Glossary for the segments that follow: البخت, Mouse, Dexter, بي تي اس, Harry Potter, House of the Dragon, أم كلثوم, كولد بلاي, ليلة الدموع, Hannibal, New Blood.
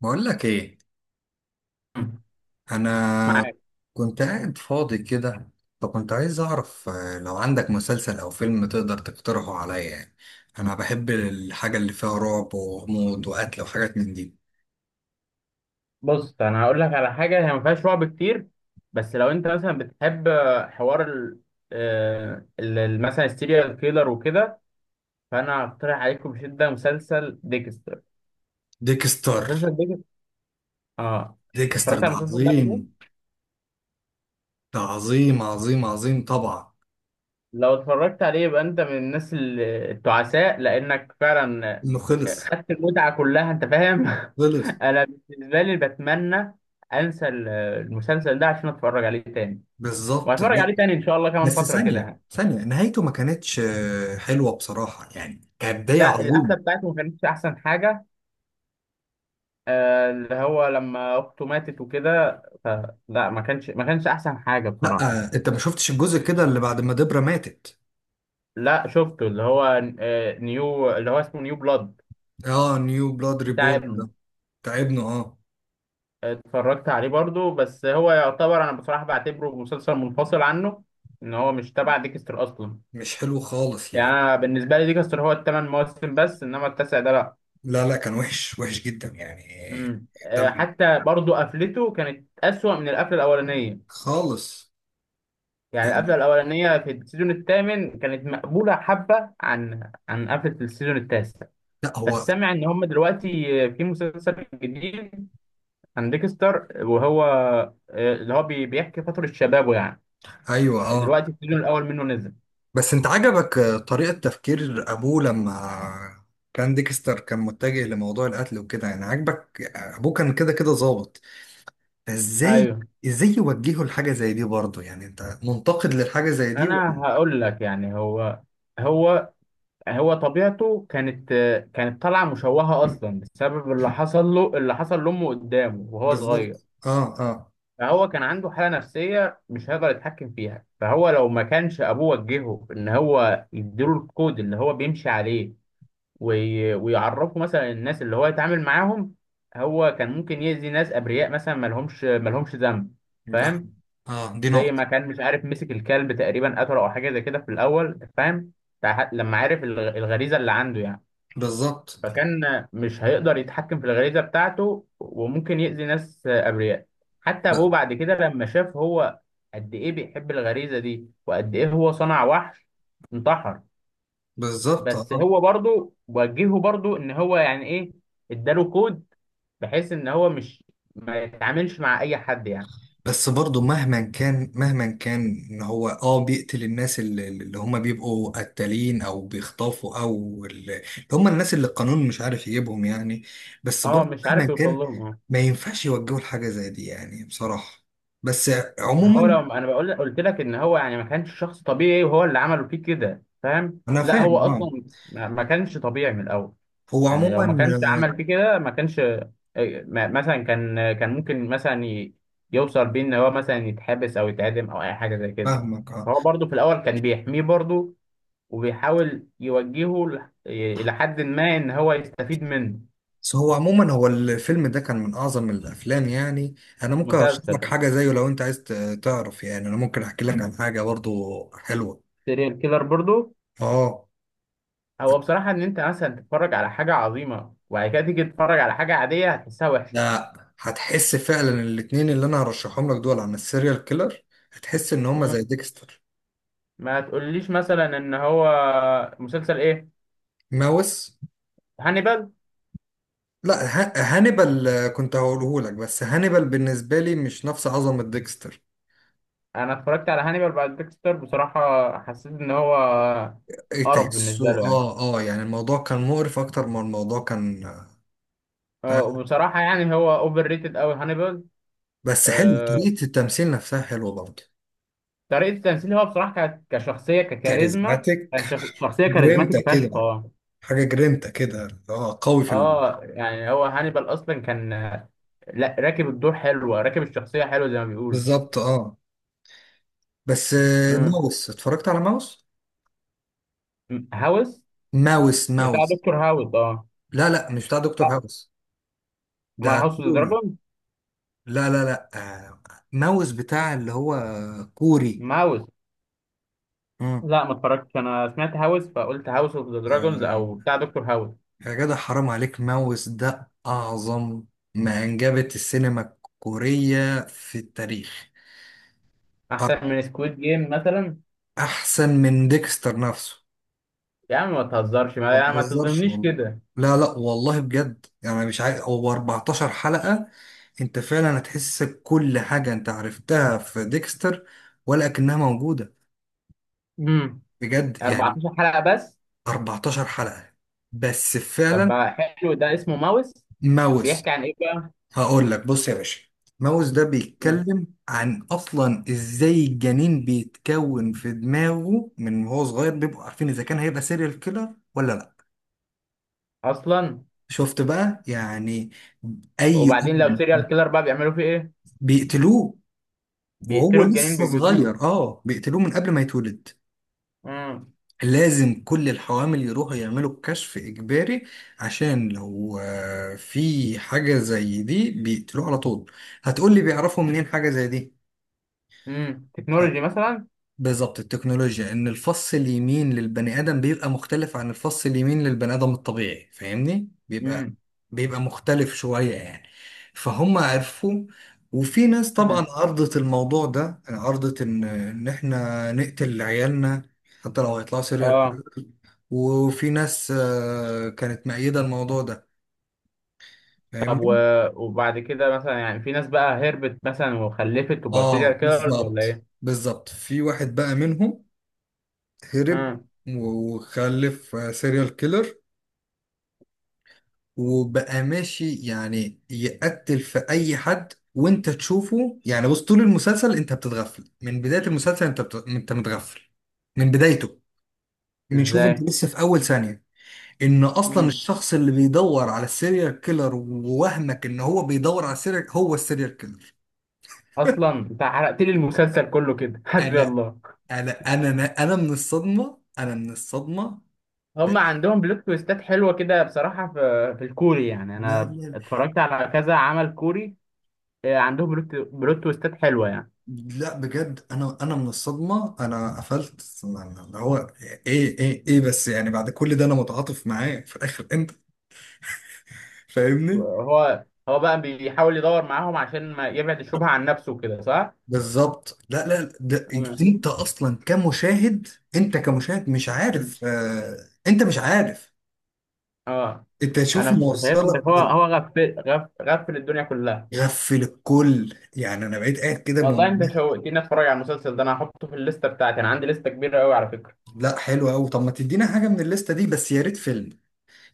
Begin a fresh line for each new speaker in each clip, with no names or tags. بقول لك ايه.
مم.
انا
معاك.
كنت قاعد فاضي كده، فكنت عايز اعرف لو عندك مسلسل او فيلم تقدر تقترحه عليا يعني. انا بحب الحاجه اللي فيها رعب وغموض وقتل وحاجات من دي.
بص انا هقول لك على حاجه هي ما فيهاش رعب كتير. بس لو انت مثلا بتحب حوار ال آه، ال- ال- مثلا السيريال كيلر وكده. فانا هقترح عليكم بشده مسلسل ديكستر.
ديكستر.
مسلسل ديكستر، اه.
ديكستر
اتفرجت
ده
على المسلسل ده قبل كده.
عظيم. ده عظيم عظيم عظيم طبعا.
لو اتفرجت عليه يبقى انت من الناس التعساء، لانك فعلا
انه خلص.
خدت المتعه كلها، انت فاهم.
خلص.
انا بالنسبه لي بتمنى انسى المسلسل ده عشان اتفرج عليه تاني.
بالظبط،
وهتفرج
لا.
عليه تاني ان شاء الله كمان
بس
فتره كده
ثانيه
يعني.
ثانيه، نهايته ما كانتش حلوه بصراحه، يعني كانت بدايه
لا القفله
عظيمه.
بتاعته ما كانتش احسن حاجه. اللي هو لما اخته ماتت وكده لا ما كانش احسن حاجه بصراحه.
لا، انت ما شفتش الجزء كده اللي بعد ما دبرة ماتت.
لا شفته اللي هو نيو، اللي هو اسمه نيو بلاد،
اه، نيو بلاد
بتاع
ريبورن ده.
ابنه.
تعبنا اه.
اتفرجت عليه برضو، بس هو يعتبر، انا بصراحه بعتبره مسلسل منفصل عنه. ان هو مش تبع ديكستر اصلا.
مش حلو خالص
يعني
يعني.
انا بالنسبه لي ديكستر هو الثمان مواسم بس، انما التاسع ده لا.
لا، لا، كان وحش وحش جدا يعني.
مم.
دم.
حتى برضو قفلته كانت اسوأ من القفله الاولانيه.
خالص
يعني القفله
يعني.
الاولانيه في السيزون الثامن كانت مقبوله حبه عن قفله السيزون التاسع.
لا،
بس
هو.
سامع ان هم دلوقتي في مسلسل جديد عن ديكستر، وهو اللي هو بيحكي فتره شبابه يعني.
ايوه، اه.
دلوقتي السيزون الاول منه نزل.
بس انت عجبك طريقة تفكير ابوه لما كان ديكستر كان متجه لموضوع القتل وكده، يعني عجبك ابوه كان كده كده ظابط. فازاي؟
ايوه.
ازاي يوجهه لحاجة زي دي برضه؟ يعني انت منتقد للحاجة زي دي
انا
و.
هقول لك، يعني هو هو طبيعته كانت كانت طالعه مشوهه اصلا بسبب اللي حصل له، اللي حصل لامه قدامه وهو صغير.
بالظبط، اه، اه.
فهو كان عنده حالة نفسية مش هيقدر يتحكم فيها. فهو لو ما كانش أبوه وجهه إن هو يديله الكود اللي هو بيمشي عليه ويعرفه مثلا الناس اللي هو يتعامل معاهم، هو كان ممكن يأذي ناس أبرياء مثلا مالهمش ذنب،
لا.
فاهم؟
اه، دي
زي ما
نقطة.
كان مش عارف مسك الكلب تقريبا قتله أو حاجة زي كده في الأول، فاهم؟ لما عرف الغريزة اللي عنده يعني،
بالظبط،
فكان مش هيقدر يتحكم في الغريزة بتاعته وممكن يأذي ناس أبرياء. حتى أبوه بعد كده لما شاف هو قد إيه بيحب الغريزة دي وقد إيه هو صنع وحش، انتحر.
بالظبط،
بس
اه.
هو برضو وجهه برضو إن هو، يعني إيه، إداله كود، بحيث إن هو مش، ما يتعاملش مع أي حد يعني.
بس برضه مهما كان مهما كان ان هو اه بيقتل الناس اللي هم بيبقوا قتالين او بيخطفوا او اللي هم الناس اللي القانون مش عارف يجيبهم يعني. بس
أه،
برضه
مش
مهما
عارف يوصل
كان
لهم، أه.
ما ينفعش يوجهوا لحاجة زي دي يعني بصراحة. بس.
ما هو
عموما.
لو أنا بقول، قلت لك إن هو يعني ما كانش شخص طبيعي وهو اللي عمله فيه كده، فاهم؟
انا
لا هو
فاهم اه.
أصلا ما كانش طبيعي من الأول.
هو
يعني لو
عموما.
ما كانش
آه،
عمل فيه كده ما كانش مثلا كان ممكن مثلا يوصل بيه ان هو مثلا يتحبس او يتعدم او اي حاجه زي كده.
فاهمك اه.
فهو برضه في الاول كان بيحميه برضه، وبيحاول يوجهه الى حد ما ان هو يستفيد منه.
بس هو عموما، هو الفيلم ده كان من اعظم الافلام يعني. انا ممكن ارشح لك
مسلسل.
حاجة زيه لو انت عايز تعرف، يعني انا ممكن احكي لك عن حاجة برضه حلوة.
سيريال كيلر برضه.
اه.
هو بصراحه، ان انت مثلا تتفرج على حاجه عظيمه وبعد كده تيجي تتفرج على حاجه عاديه، هتحسها وحشه.
ده هتحس فعلا الاتنين اللي انا هرشحهم لك دول عن السيريال كيلر، هتحس ان هما
مم.
زي ديكستر.
ما تقوليش مثلا ان هو مسلسل ايه.
ماوس.
هانيبال.
لا، هانيبال كنت هقوله لك، بس هانيبال بالنسبه لي مش نفس عظمه ديكستر.
انا اتفرجت على هانيبال بعد ديكستر، بصراحه حسيت ان هو قرف بالنسبه
تحسه
له يعني.
اه، اه، يعني الموضوع كان مقرف اكتر ما الموضوع كان. آه،
وبصراحه يعني هو اوفر ريتد قوي هانيبال.
بس حلو
آه،
طريقه التمثيل نفسها حلوه برضه.
طريقه التمثيل، هو بصراحه كشخصيه ككاريزما
كاريزماتيك.
كان شخصيه
جرينتا
كاريزماتيك
كده.
فشخ، اه.
حاجه جرينتا كده اه قوي في ال.
اه يعني هو هانيبال اصلا كان لا، راكب الدور حلوه، راكب الشخصيه حلوه زي ما بيقولوا.
بالظبط اه. بس
مم.
ماوس اتفرجت على ماوس.
هاوس؟
ماوس،
بتاع
ماوس.
دكتور هاوس؟ اه.
لا، لا، مش بتاع دكتور
لا،
هاوس.
ما
ده
هاوس اوف ذا
كوري. لا، لا، لا. آه، ماوس بتاع اللي هو كوري.
دراجون.
امم.
لا ما اتفرجتش، انا سمعت هاوس فقلت هاوس اوف ذا دراجونز او
آه،
بتاع دكتور هاوس.
يا جدع، حرام عليك، ماوس ده أعظم ما أنجبت السينما الكورية في التاريخ. أر-
احسن من سكويد جيم مثلا؟
أحسن من ديكستر نفسه.
يا عم ما تهزرش، ما،
ما
يا عم ما
بهزرش
تظلمنيش
والله.
كده.
لا، لا، والله بجد، يعني مش عارف هو 14 حلقة. أنت فعلا هتحس كل حاجة أنت عرفتها في ديكستر، ولكنها موجودة.
امم.
بجد يعني.
14 حلقة بس؟
14 حلقة بس
طب
فعلا.
بقى حلو، ده اسمه ماوس.
ماوس.
بيحكي عن ايه بقى؟
هقول لك، بص يا باشا. ماوس ده
مم.
بيتكلم عن اصلا ازاي الجنين بيتكون في دماغه، من وهو صغير بيبقوا عارفين اذا كان هيبقى سيريال كيلر ولا لا.
اصلا.
شفت بقى يعني. اي
وبعدين لو
ام.
سيريال كيلر بقى بيعملوا فيه ايه.
بيقتلوه. وهو
بيقتلوا الجنين،
لسه
بيجلدوه.
صغير اه، بيقتلوه من قبل ما يتولد.
امم.
لازم كل الحوامل يروحوا يعملوا الكشف إجباري، عشان لو في حاجة زي دي بيقتلوه على طول. هتقولي بيعرفوا منين حاجة زي دي؟
امم،
ه-
تكنولوجي مثلا.
بالظبط، التكنولوجيا إن الفص اليمين للبني آدم بيبقى مختلف عن الفص اليمين للبني آدم الطبيعي، فاهمني، بيبقى
امم.
بيبقى مختلف شوية يعني. فهم عرفوا. وفي ناس
امم.
طبعا عرضت الموضوع ده، عرضت إن إحنا نقتل عيالنا حتى لو هيطلعوا
اه.
سيريال. وفي ناس كانت مأيدة الموضوع ده.
طب و...
فاهمني؟
وبعد كده مثلا يعني في ناس بقى هربت مثلا وخلفت وبقوا سيريال
اه،
كيلرز
بالظبط،
ولا؟
بالظبط، في واحد بقى منهم هرب
ايه.
وخلف سيريال كيلر، وبقى ماشي يعني يقتل في اي حد. وانت تشوفه يعني، بص طول المسلسل انت بتتغفل، من بداية المسلسل انت انت متغفل من بدايته. بنشوف انت
ازاي؟
لسه في اول ثانية ان اصلا
امم.
الشخص اللي بيدور على السيريال كيلر ووهمك ان هو بيدور على السيريال هو السيريال كيلر.
اصلا انت حرقت لي المسلسل كله كده. حسبي
انا
الله.
انا انا انا أنا من الصدمه، انا من الصدمه. ب...
هم عندهم بلوت تويستات حلوه كده بصراحه في الكوري، يعني
لا،
انا
لا،
اتفرجت على كذا عمل كوري. عندهم بلوت تويستات حلوه يعني.
لا، بجد انا من الصدمه، انا قفلت يعني، اللي هو ايه، ايه، ايه، بس يعني بعد كل ده انا متعاطف معاه في الاخر، انت فاهمني؟
هو بقى بيحاول يدور معاهم عشان ما يبعد الشبهه عن نفسه كده، صح؟
بالظبط، لا، لا، ده
امم.
انت اصلا كمشاهد، انت كمشاهد مش
امم.
عارف، انت مش عارف.
اه.
انت شوف
انا فهمت،
موصلك
هو
ده.
هو غفل غفل الدنيا كلها.
غفل الكل، يعني انا بقيت قاعد كده
والله انت شوقتني اتفرج على المسلسل ده. انا هحطه في الليسته بتاعتي، انا عندي لسته كبيره قوي على فكره.
لا، حلو قوي. طب ما تدينا حاجه من الليسته دي، بس يا ريت فيلم،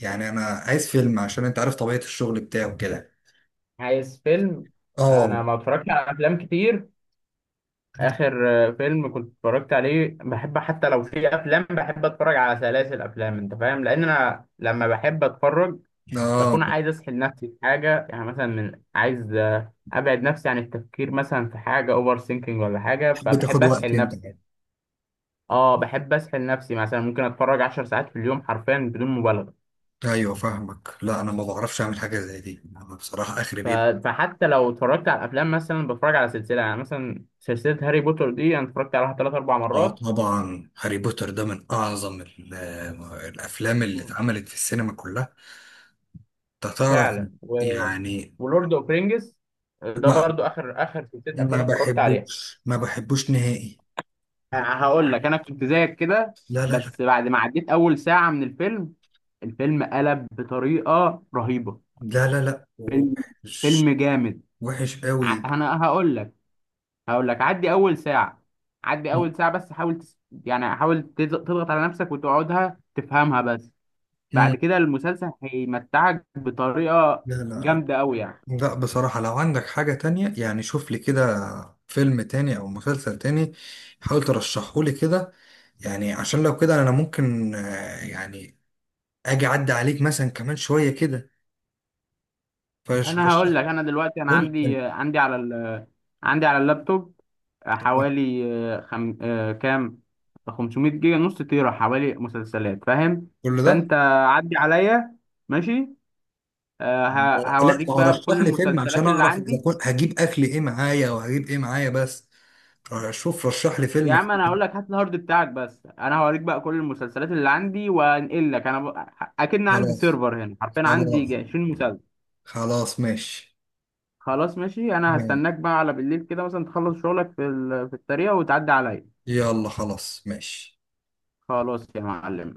يعني انا عايز فيلم عشان انت عارف طبيعة الشغل بتاعه كده.
عايز فيلم.
اه.
انا ما اتفرجتش على افلام كتير. اخر فيلم كنت اتفرجت عليه بحب، حتى لو في افلام بحب اتفرج على سلاسل افلام، انت فاهم، لان انا لما بحب اتفرج
اه.
بكون عايز اسحل نفسي في حاجه، يعني مثلا من عايز ابعد نفسي عن التفكير مثلا في حاجه اوفر ثينكينج ولا حاجه،
بتحب
فبحب
تاخد وقت
اسحل
انت
نفسي.
يعني.
اه، بحب اسحل نفسي، مثلا ممكن اتفرج 10 ساعات في اليوم حرفيا بدون مبالغه.
ايوه، فاهمك. لا، انا ما بعرفش اعمل حاجة زي دي، انا بصراحة اخري
ف-
بيبقى.
فحتى لو اتفرجت على الافلام مثلا بتفرج على سلسله، يعني مثلا سلسله هاري بوتر دي انا اتفرجت عليها ثلاث اربع
اه،
مرات.
طبعا هاري بوتر ده من اعظم الافلام اللي اتعملت في السينما كلها. انت تعرف
فعلا و...
يعني.
ولورد اوف رينجز ده
لا،
برضو اخر سلسله افلام
ما
اتفرجت عليها.
بحبوش، ما بحبوش نهائي.
هقول لك انا كنت زيك كده،
لا، لا، لا.
بس بعد ما عديت اول ساعه من الفيلم، الفيلم قلب بطريقه رهيبه.
لا، لا، لا.
فيلم
وحش.
جامد.
وحش قوي.
انا هقول لك، هقول لك عدي اول ساعه، عدي اول ساعه بس، حاول يعني حاول تضغط على نفسك وتقعدها تفهمها بس،
مم.
بعد كده المسلسل هيمتعك بطريقه
لا، لا.
جامده قوي يعني.
لا، بصراحة لو عندك حاجة تانية يعني، شوف لي كده فيلم تاني أو مسلسل تاني، حاول ترشحه لي كده. يعني عشان لو كده أنا ممكن يعني أجي أعدي عليك مثلا كمان شوية كده، فرشح
انا هقول
لي.
لك، انا دلوقتي انا
قول لي فيلم.
عندي على عندي على اللابتوب
تمام.
حوالي آه، خم... آه، كام، 500 جيجا، نص تيرا، حوالي مسلسلات فاهم.
كل ده؟
فانت عدي عليا. ماشي،
ما هو- لا،
هوريك
ما هو
بقى كل
رشح لي فيلم عشان
المسلسلات اللي
أعرف إذا
عندي.
كنت هجيب أكل إيه معايا وهجيب إيه معايا، بس شوف رشح لي
يا
فيلم
عم انا
كده.
هقول لك هات الهارد بتاعك بس، انا هوريك بقى كل المسلسلات اللي عندي وانقل لك. انا اكن عندي
خلاص.
سيرفر هنا، حرفيا عندي
خلاص.
20 مسلسل.
خلاص ماشي.
خلاص ماشي. انا
يلا.
هستناك بقى على بالليل كده مثلا تخلص شغلك في في الطريق وتعدي عليا.
يلا، خلاص ماشي.
خلاص يا معلم.